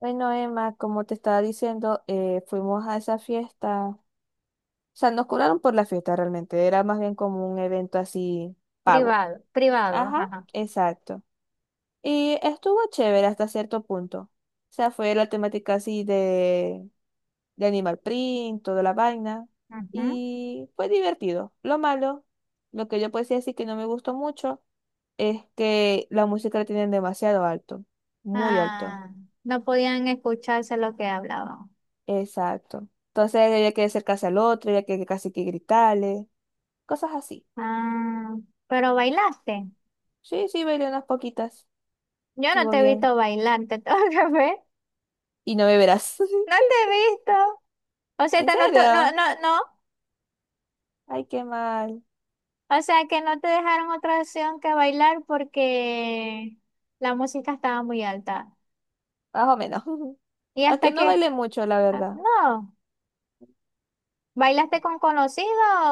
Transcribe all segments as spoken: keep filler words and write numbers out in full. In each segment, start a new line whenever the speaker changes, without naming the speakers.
Bueno, Emma, como te estaba diciendo, eh, fuimos a esa fiesta. O sea, nos cobraron por la fiesta realmente. Era más bien como un evento así pago.
Privado, privado,
Ajá,
ajá.
exacto. Y estuvo chévere hasta cierto punto. O sea, fue la temática así de, de Animal Print, toda la vaina.
Ujú.
Y fue divertido. Lo malo, lo que yo puedo decir así que no me gustó mucho, es que la música la tienen demasiado alto. Muy alto.
Ah, no podían escucharse lo que hablaban.
Exacto. Entonces había que acercarse al otro, había que casi que gritarle, cosas así.
Ah, pero bailaste.
Sí, sí, bailé unas poquitas.
Yo no
Estuvo
te he visto
bien.
bailar, te tengo que ver.
¿Y no beberás?
No te he visto. O sea,
¿En
te no, to- no,
serio?
no, no.
Ay, qué mal.
O sea, que no te dejaron otra opción que bailar porque la música estaba muy alta.
Más o menos.
Y
Aunque
hasta
no
que,
bailé mucho, la
ah,
verdad.
no, bailaste con conocido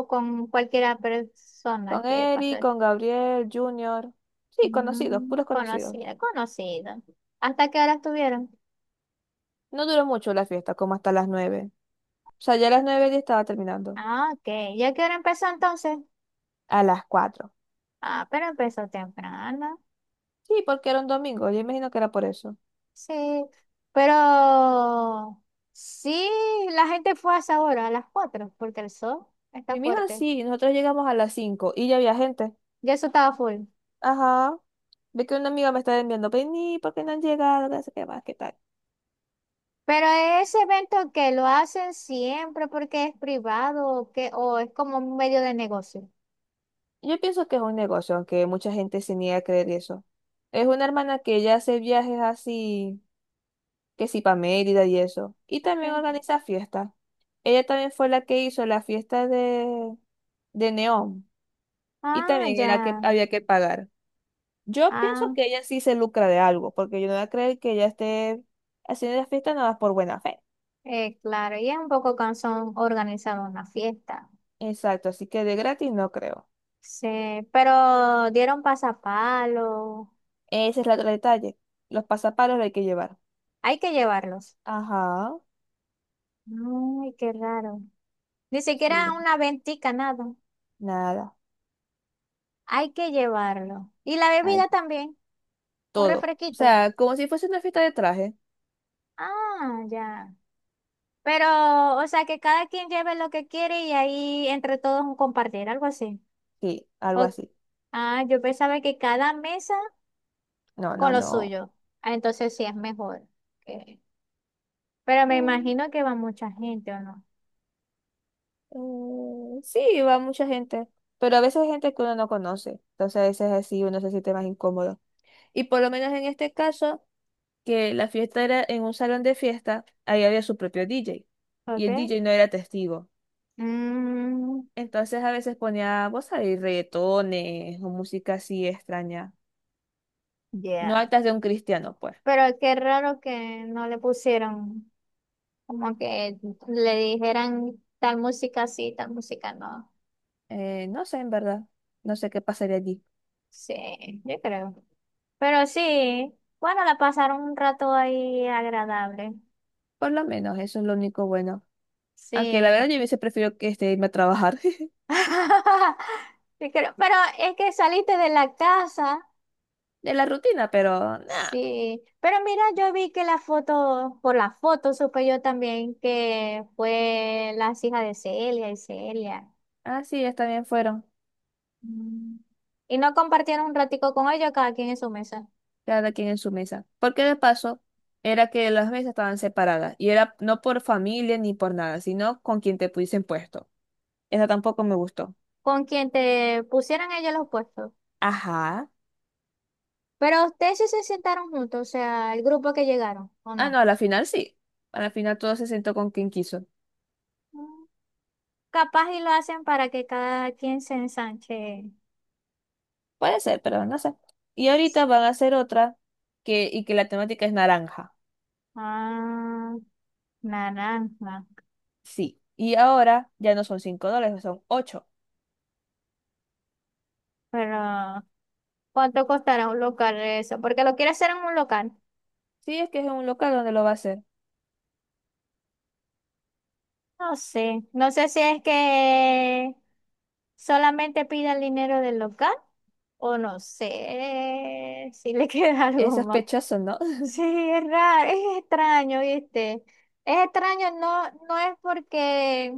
o con cualquier persona
Con
que pasó.
Eric, con Gabriel, Junior. Sí, conocidos,
Mm,
puros conocidos.
conocida, conocida. ¿Hasta qué hora estuvieron?
No duró mucho la fiesta, como hasta las nueve. O sea, ya a las nueve ya estaba terminando.
Ah, ok. ¿Ya qué hora empezó entonces?
A las cuatro.
Ah, pero empezó temprano.
Sí, porque era un domingo. Yo imagino que era por eso.
Sí. Pero sí, la gente fue a esa hora, a las cuatro porque el sol está
Y mi hija
fuerte.
sí, nosotros llegamos a las cinco y ya había gente.
Ya eso estaba full.
Ajá. Ve que una amiga me está enviando, vení, ¿por qué no han llegado? No sé qué más, qué tal.
Pero ese evento que lo hacen siempre porque es privado o, que, o es como un medio de negocio.
Yo pienso que es un negocio, aunque mucha gente se niega a creer eso. Es una hermana que ya hace viajes así, que sí, para Mérida y eso. Y también
Ok.
organiza fiestas. Ella también fue la que hizo la fiesta de, de Neón. Y
Ah,
también
ya.
era que había que pagar. Yo pienso
Ah,
que ella sí se lucra de algo, porque yo no voy a creer que ella esté haciendo la fiesta nada más por buena fe.
eh, claro. Y es un poco cansón organizar una fiesta.
Exacto, así que de gratis no creo.
Sí, pero dieron pasapalo.
Ese es el otro detalle. Los pasapalos lo hay que llevar.
Hay que llevarlos.
Ajá.
Ay, qué raro. Ni
Sí.
siquiera una ventica, nada.
Nada.
Hay que llevarlo. Y la
Hay
bebida también, un
todo. O
refresquito.
sea, como si fuese una fiesta de traje.
Ah, ya. Pero, o sea, que cada quien lleve lo que quiere y ahí entre todos un compartir, algo así.
Sí, algo
O-
así.
ah, yo pensaba que cada mesa
No,
con
no,
lo
no.
suyo. Ah, entonces sí es mejor. Ok. Pero me
Mm,
imagino que va mucha gente, ¿o no?
eh, sí, va mucha gente. Pero a veces hay gente que uno no conoce. Entonces a veces así uno se siente más incómodo. Y por lo menos en este caso, que la fiesta era en un salón de fiesta, ahí había su propio D J. Y el
Ok.
D J no era testigo.
Mm,
Entonces a veces ponía, vos sabés, reggaetones o música así extraña. No
ya,
altas de un cristiano, pues.
pero qué raro que no le pusieron, como que le dijeran tal música sí, tal música no.
Eh, no sé, en verdad. No sé qué pasaría allí.
Sí, yo creo. Pero sí, bueno, la pasaron un rato ahí agradable.
Por lo menos, eso es lo único bueno. Aunque la verdad
Sí.
yo hubiese preferido que este, irme a trabajar
Sí creo, pero es que saliste de la casa.
de la rutina, pero nada.
Sí. Pero mira, yo vi que la foto, por la foto supe yo también que fue las hijas de Celia y Celia.
Así ellas también fueron,
Mm. Y no compartieron un ratico con ellos, cada quien en su mesa,
cada quien en su mesa. Porque de paso, era que las mesas estaban separadas. Y era no por familia ni por nada, sino con quien te pudiesen puesto. Eso tampoco me gustó.
con quien te pusieran ellos los puestos.
Ajá.
Pero ustedes sí se sentaron juntos, o sea, el grupo que llegaron, ¿o
Ah, no,
no?
a la final sí. A la final todo se sentó con quien quiso.
Mm. Capaz y lo hacen para que cada quien se ensanche.
Puede ser, pero no sé. Y ahorita van a hacer otra que, y que la temática es naranja.
Ah, naranja.
Sí. Y ahora ya no son cinco dólares, son ocho.
Pero, ¿cuánto costará un local eso? Porque lo quiere hacer en un local.
Sí, es que es en un local donde lo va a hacer.
No sé, no sé si es que solamente pide el dinero del local o no sé si le queda
Es
algo más.
sospechoso, ¿no?
Sí, es raro, es extraño, ¿viste? Es extraño, no, no es porque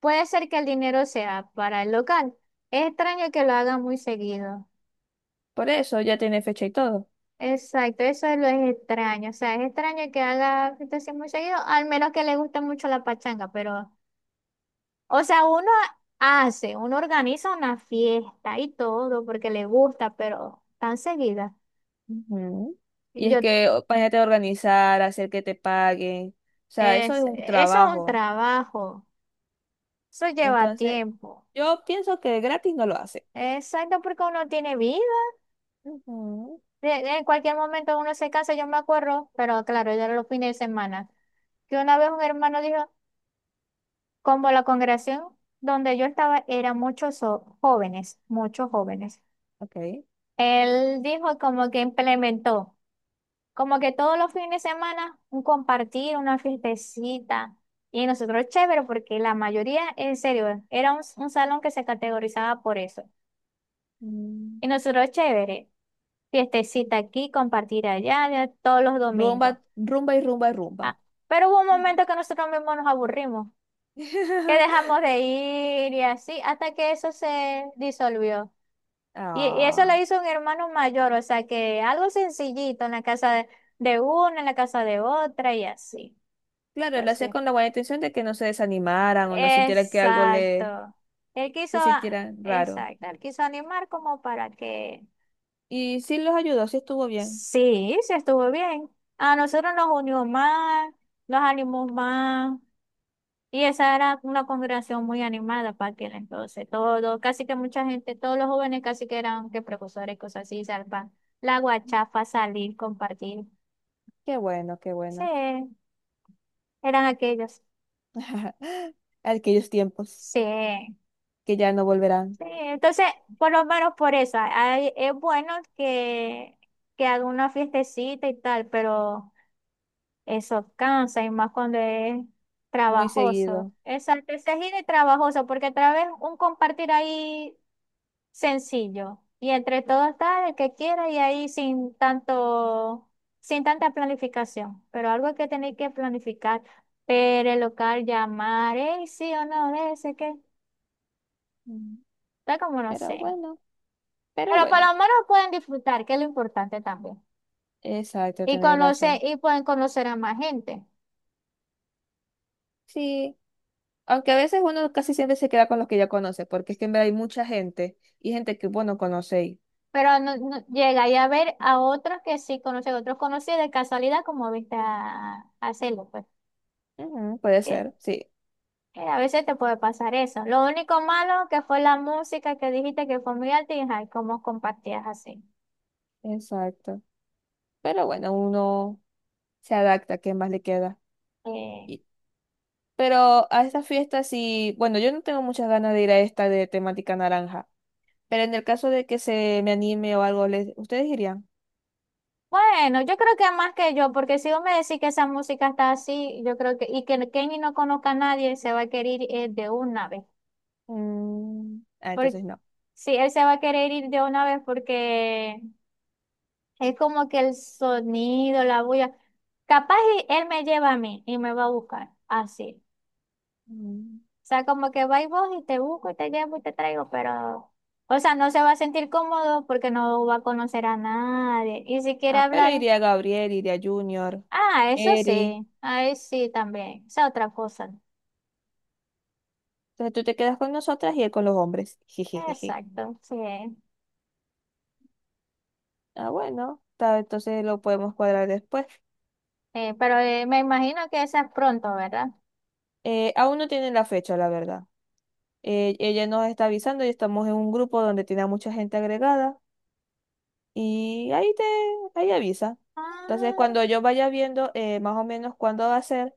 puede ser que el dinero sea para el local. Es extraño que lo haga muy seguido.
Por eso ya tiene fecha y todo.
Exacto, eso es lo es extraño. O sea, es extraño que haga fiestas así muy seguido, al menos que le guste mucho la pachanga, pero o sea, uno hace, uno organiza una fiesta y todo porque le gusta, pero tan seguida.
Ujú. Y es
Yo,
que o- imagínate organizar, hacer que te paguen. O sea, eso es
es,
un
eso es un
trabajo.
trabajo, eso lleva
Entonces,
tiempo.
yo pienso que gratis no lo hace.
Exacto, porque uno tiene vida.
Ujú.
De- de- En cualquier momento uno se casa, yo me acuerdo, pero claro, ya era los fines de semana. Que una vez un hermano dijo, como la congregación donde yo estaba era muchos jo- jóvenes, muchos jóvenes.
Ok.
Él dijo como que implementó. Como que todos los fines de semana un compartir, una fiestecita. Y nosotros chévere porque la mayoría, en serio, era un, un salón que se categorizaba por eso.
Mm.
Y nosotros chévere, fiestecita aquí, compartir allá, ya todos los
Rumba,
domingos.
rumba y rumba y rumba.
Ah, pero hubo un momento que nosotros mismos nos aburrimos, que dejamos de ir y así, hasta que eso se disolvió. Y, y eso lo
Ah,
hizo un hermano mayor, o sea que algo sencillito en la casa de, de una, en la casa de otra y así.
claro, lo hacía
Entonces.
con la buena intención de que no se desanimaran o no sintieran que algo le
Exacto. Él quiso,
se
a-
sintiera raro.
exacto, él quiso animar como para que
Y sí los ayudó, sí estuvo bien.
sí, se estuvo bien. A nosotros nos unió más, nos animó más. Y esa era una congregación muy animada para aquel entonces. Todo, casi que mucha gente, todos los jóvenes casi que eran que precursores, cosas así, salpa, la guachafa, salir, compartir.
Qué bueno, qué
Sí,
bueno.
eran aquellos.
Aquellos tiempos
Sí.
que ya no volverán
Sí, entonces, por lo menos por eso, hay- es bueno que, que haga una fiestecita y tal, pero eso cansa y más cuando es
muy
trabajoso.
seguido.
Exacto, ese giro es trabajoso, porque otra vez un compartir ahí sencillo y entre todos está el que quiera y ahí sin tanto, sin tanta planificación, pero algo que tenéis que planificar, pero el local, llamar, eh, sí o no, ese que,
Mm,
está como no
Pero
sé.
bueno, pero
Pero por lo
bueno.
menos pueden disfrutar, que es lo importante también.
Exacto,
Y
tenéis
conocer,
razón.
y pueden conocer a más gente.
Sí, aunque a veces uno casi siempre se queda con los que ya conoce, porque es que en verdad hay mucha gente y gente que vos no conocéis.
Pero no, no- llegáis a ver a otros que sí conocen, otros conocidos de casualidad, como viste a, a Celo, pues.
Ujú, puede
Que,
ser, sí,
que a veces te puede pasar eso. Lo único malo que fue la música que dijiste que fue muy alta y ay, cómo compartías así.
exacto. Pero bueno, uno se adapta, ¿qué más le queda?
Eh,
Y- pero a esta fiesta sí, bueno, yo no tengo muchas ganas de ir a esta de temática naranja, pero en el caso de que se me anime o algo, ¿les- ¿ustedes irían?
bueno, yo creo que más que yo, porque si vos me decís que esa música está así, yo creo que, y que Kenny no conozca a nadie, se va a querer ir eh, de una vez.
Mm, ah,
Porque
entonces no.
sí, él se va a querer ir de una vez porque es como que el sonido, la bulla. Capaz y él me lleva a mí y me va a buscar, así.
Mm.
O sea, como que va y vos y te busco y te llevo y te traigo, pero, o sea, no se va a sentir cómodo porque no va a conocer a nadie. Y si quiere
Ah, pero
hablar,
iría Gabriel, iría Junior,
ah, eso
Eri.
sí, ahí sí también, esa otra cosa.
Entonces tú te quedas con nosotras y él con los hombres. Jejejeje.
Exacto, sí.
Ah, bueno, ta- entonces lo podemos cuadrar después.
Eh, pero eh, me imagino que esa es pronto, ¿verdad?
Eh, aún no tienen la fecha, la verdad. Eh, ella nos está avisando y estamos en un grupo donde tiene a mucha gente agregada y ahí te, ahí avisa. Entonces,
Ah,
cuando yo vaya viendo eh, más o menos cuándo va a ser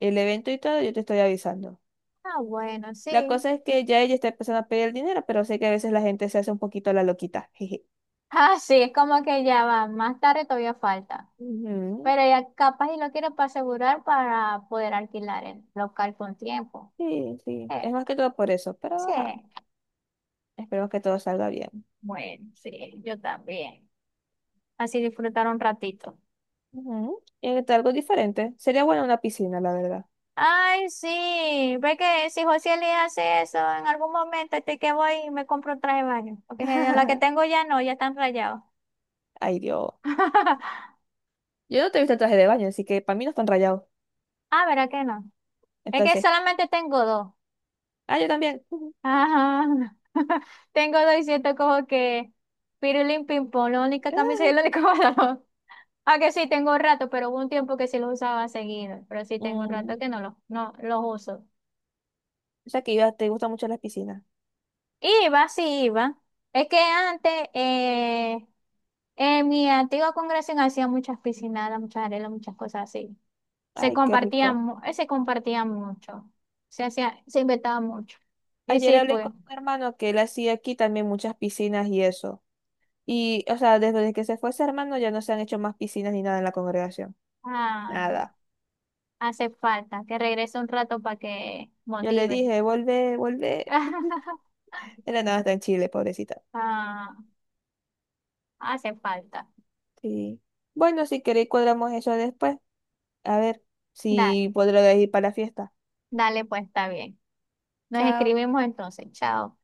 el evento y todo, yo te estoy avisando.
ah, bueno,
La
sí.
cosa es que ya ella está empezando a pedir dinero, pero sé que a veces la gente se hace un poquito la loquita. Jeje.
Ah, sí, es como que ya va, más tarde todavía falta.
Ujú.
Pero ya capaz y lo quiero para asegurar para poder alquilar el local con tiempo.
Sí, sí. Es
Eh,
más que todo por eso, pero
sí,
ajá, esperemos que todo salga bien.
bueno, sí, yo también. Así disfrutar un ratito.
Ujú. Y que algo diferente. Sería buena una piscina, la verdad.
Ay, sí, ve que si José le hace eso en algún momento, estoy que voy y me compro un traje de baño. Porque la que tengo ya no, ya están rayados.
Ay, Dios. Yo no te he visto el traje de baño, así que para mí no están rayados.
Ah, ¿verdad que no? Es que
Entonces,
solamente tengo dos.
ah, yo también. Ujú.
Ajá. Tengo dos y siento como que pirulín ping-pong, la única camisa y
Ah.
el único pantalón. Aunque sí tengo un rato, pero hubo un tiempo que sí lo usaba seguido. Pero sí tengo un rato
Mm,
que no los no los uso.
o sea que iba- te gustan mucho las piscinas.
Iba, sí iba. Es que antes, eh, en mi antigua congregación hacía muchas piscinadas, muchas arenas, muchas cosas así. Se
Ay, qué
compartía,
rico.
mu- eh, se compartía mucho. Se hacía, se inventaba mucho. Y
Ayer
sí
hablé
fue.
con un hermano que él hacía aquí también muchas piscinas y eso. Y, o sea, desde que se fue ese hermano ya no se han hecho más piscinas ni nada en la congregación.
Ah.
Nada.
Hace falta que regrese un rato para que
Yo le
motive.
dije, vuelve, vuelve. Era nada, está en Chile, pobrecita.
Ah, hace falta.
Sí. Bueno, si queréis cuadramos eso después. A ver
Da,
si podré ir para la fiesta.
dale, pues está bien. Nos
Chao.
escribimos entonces. Chao.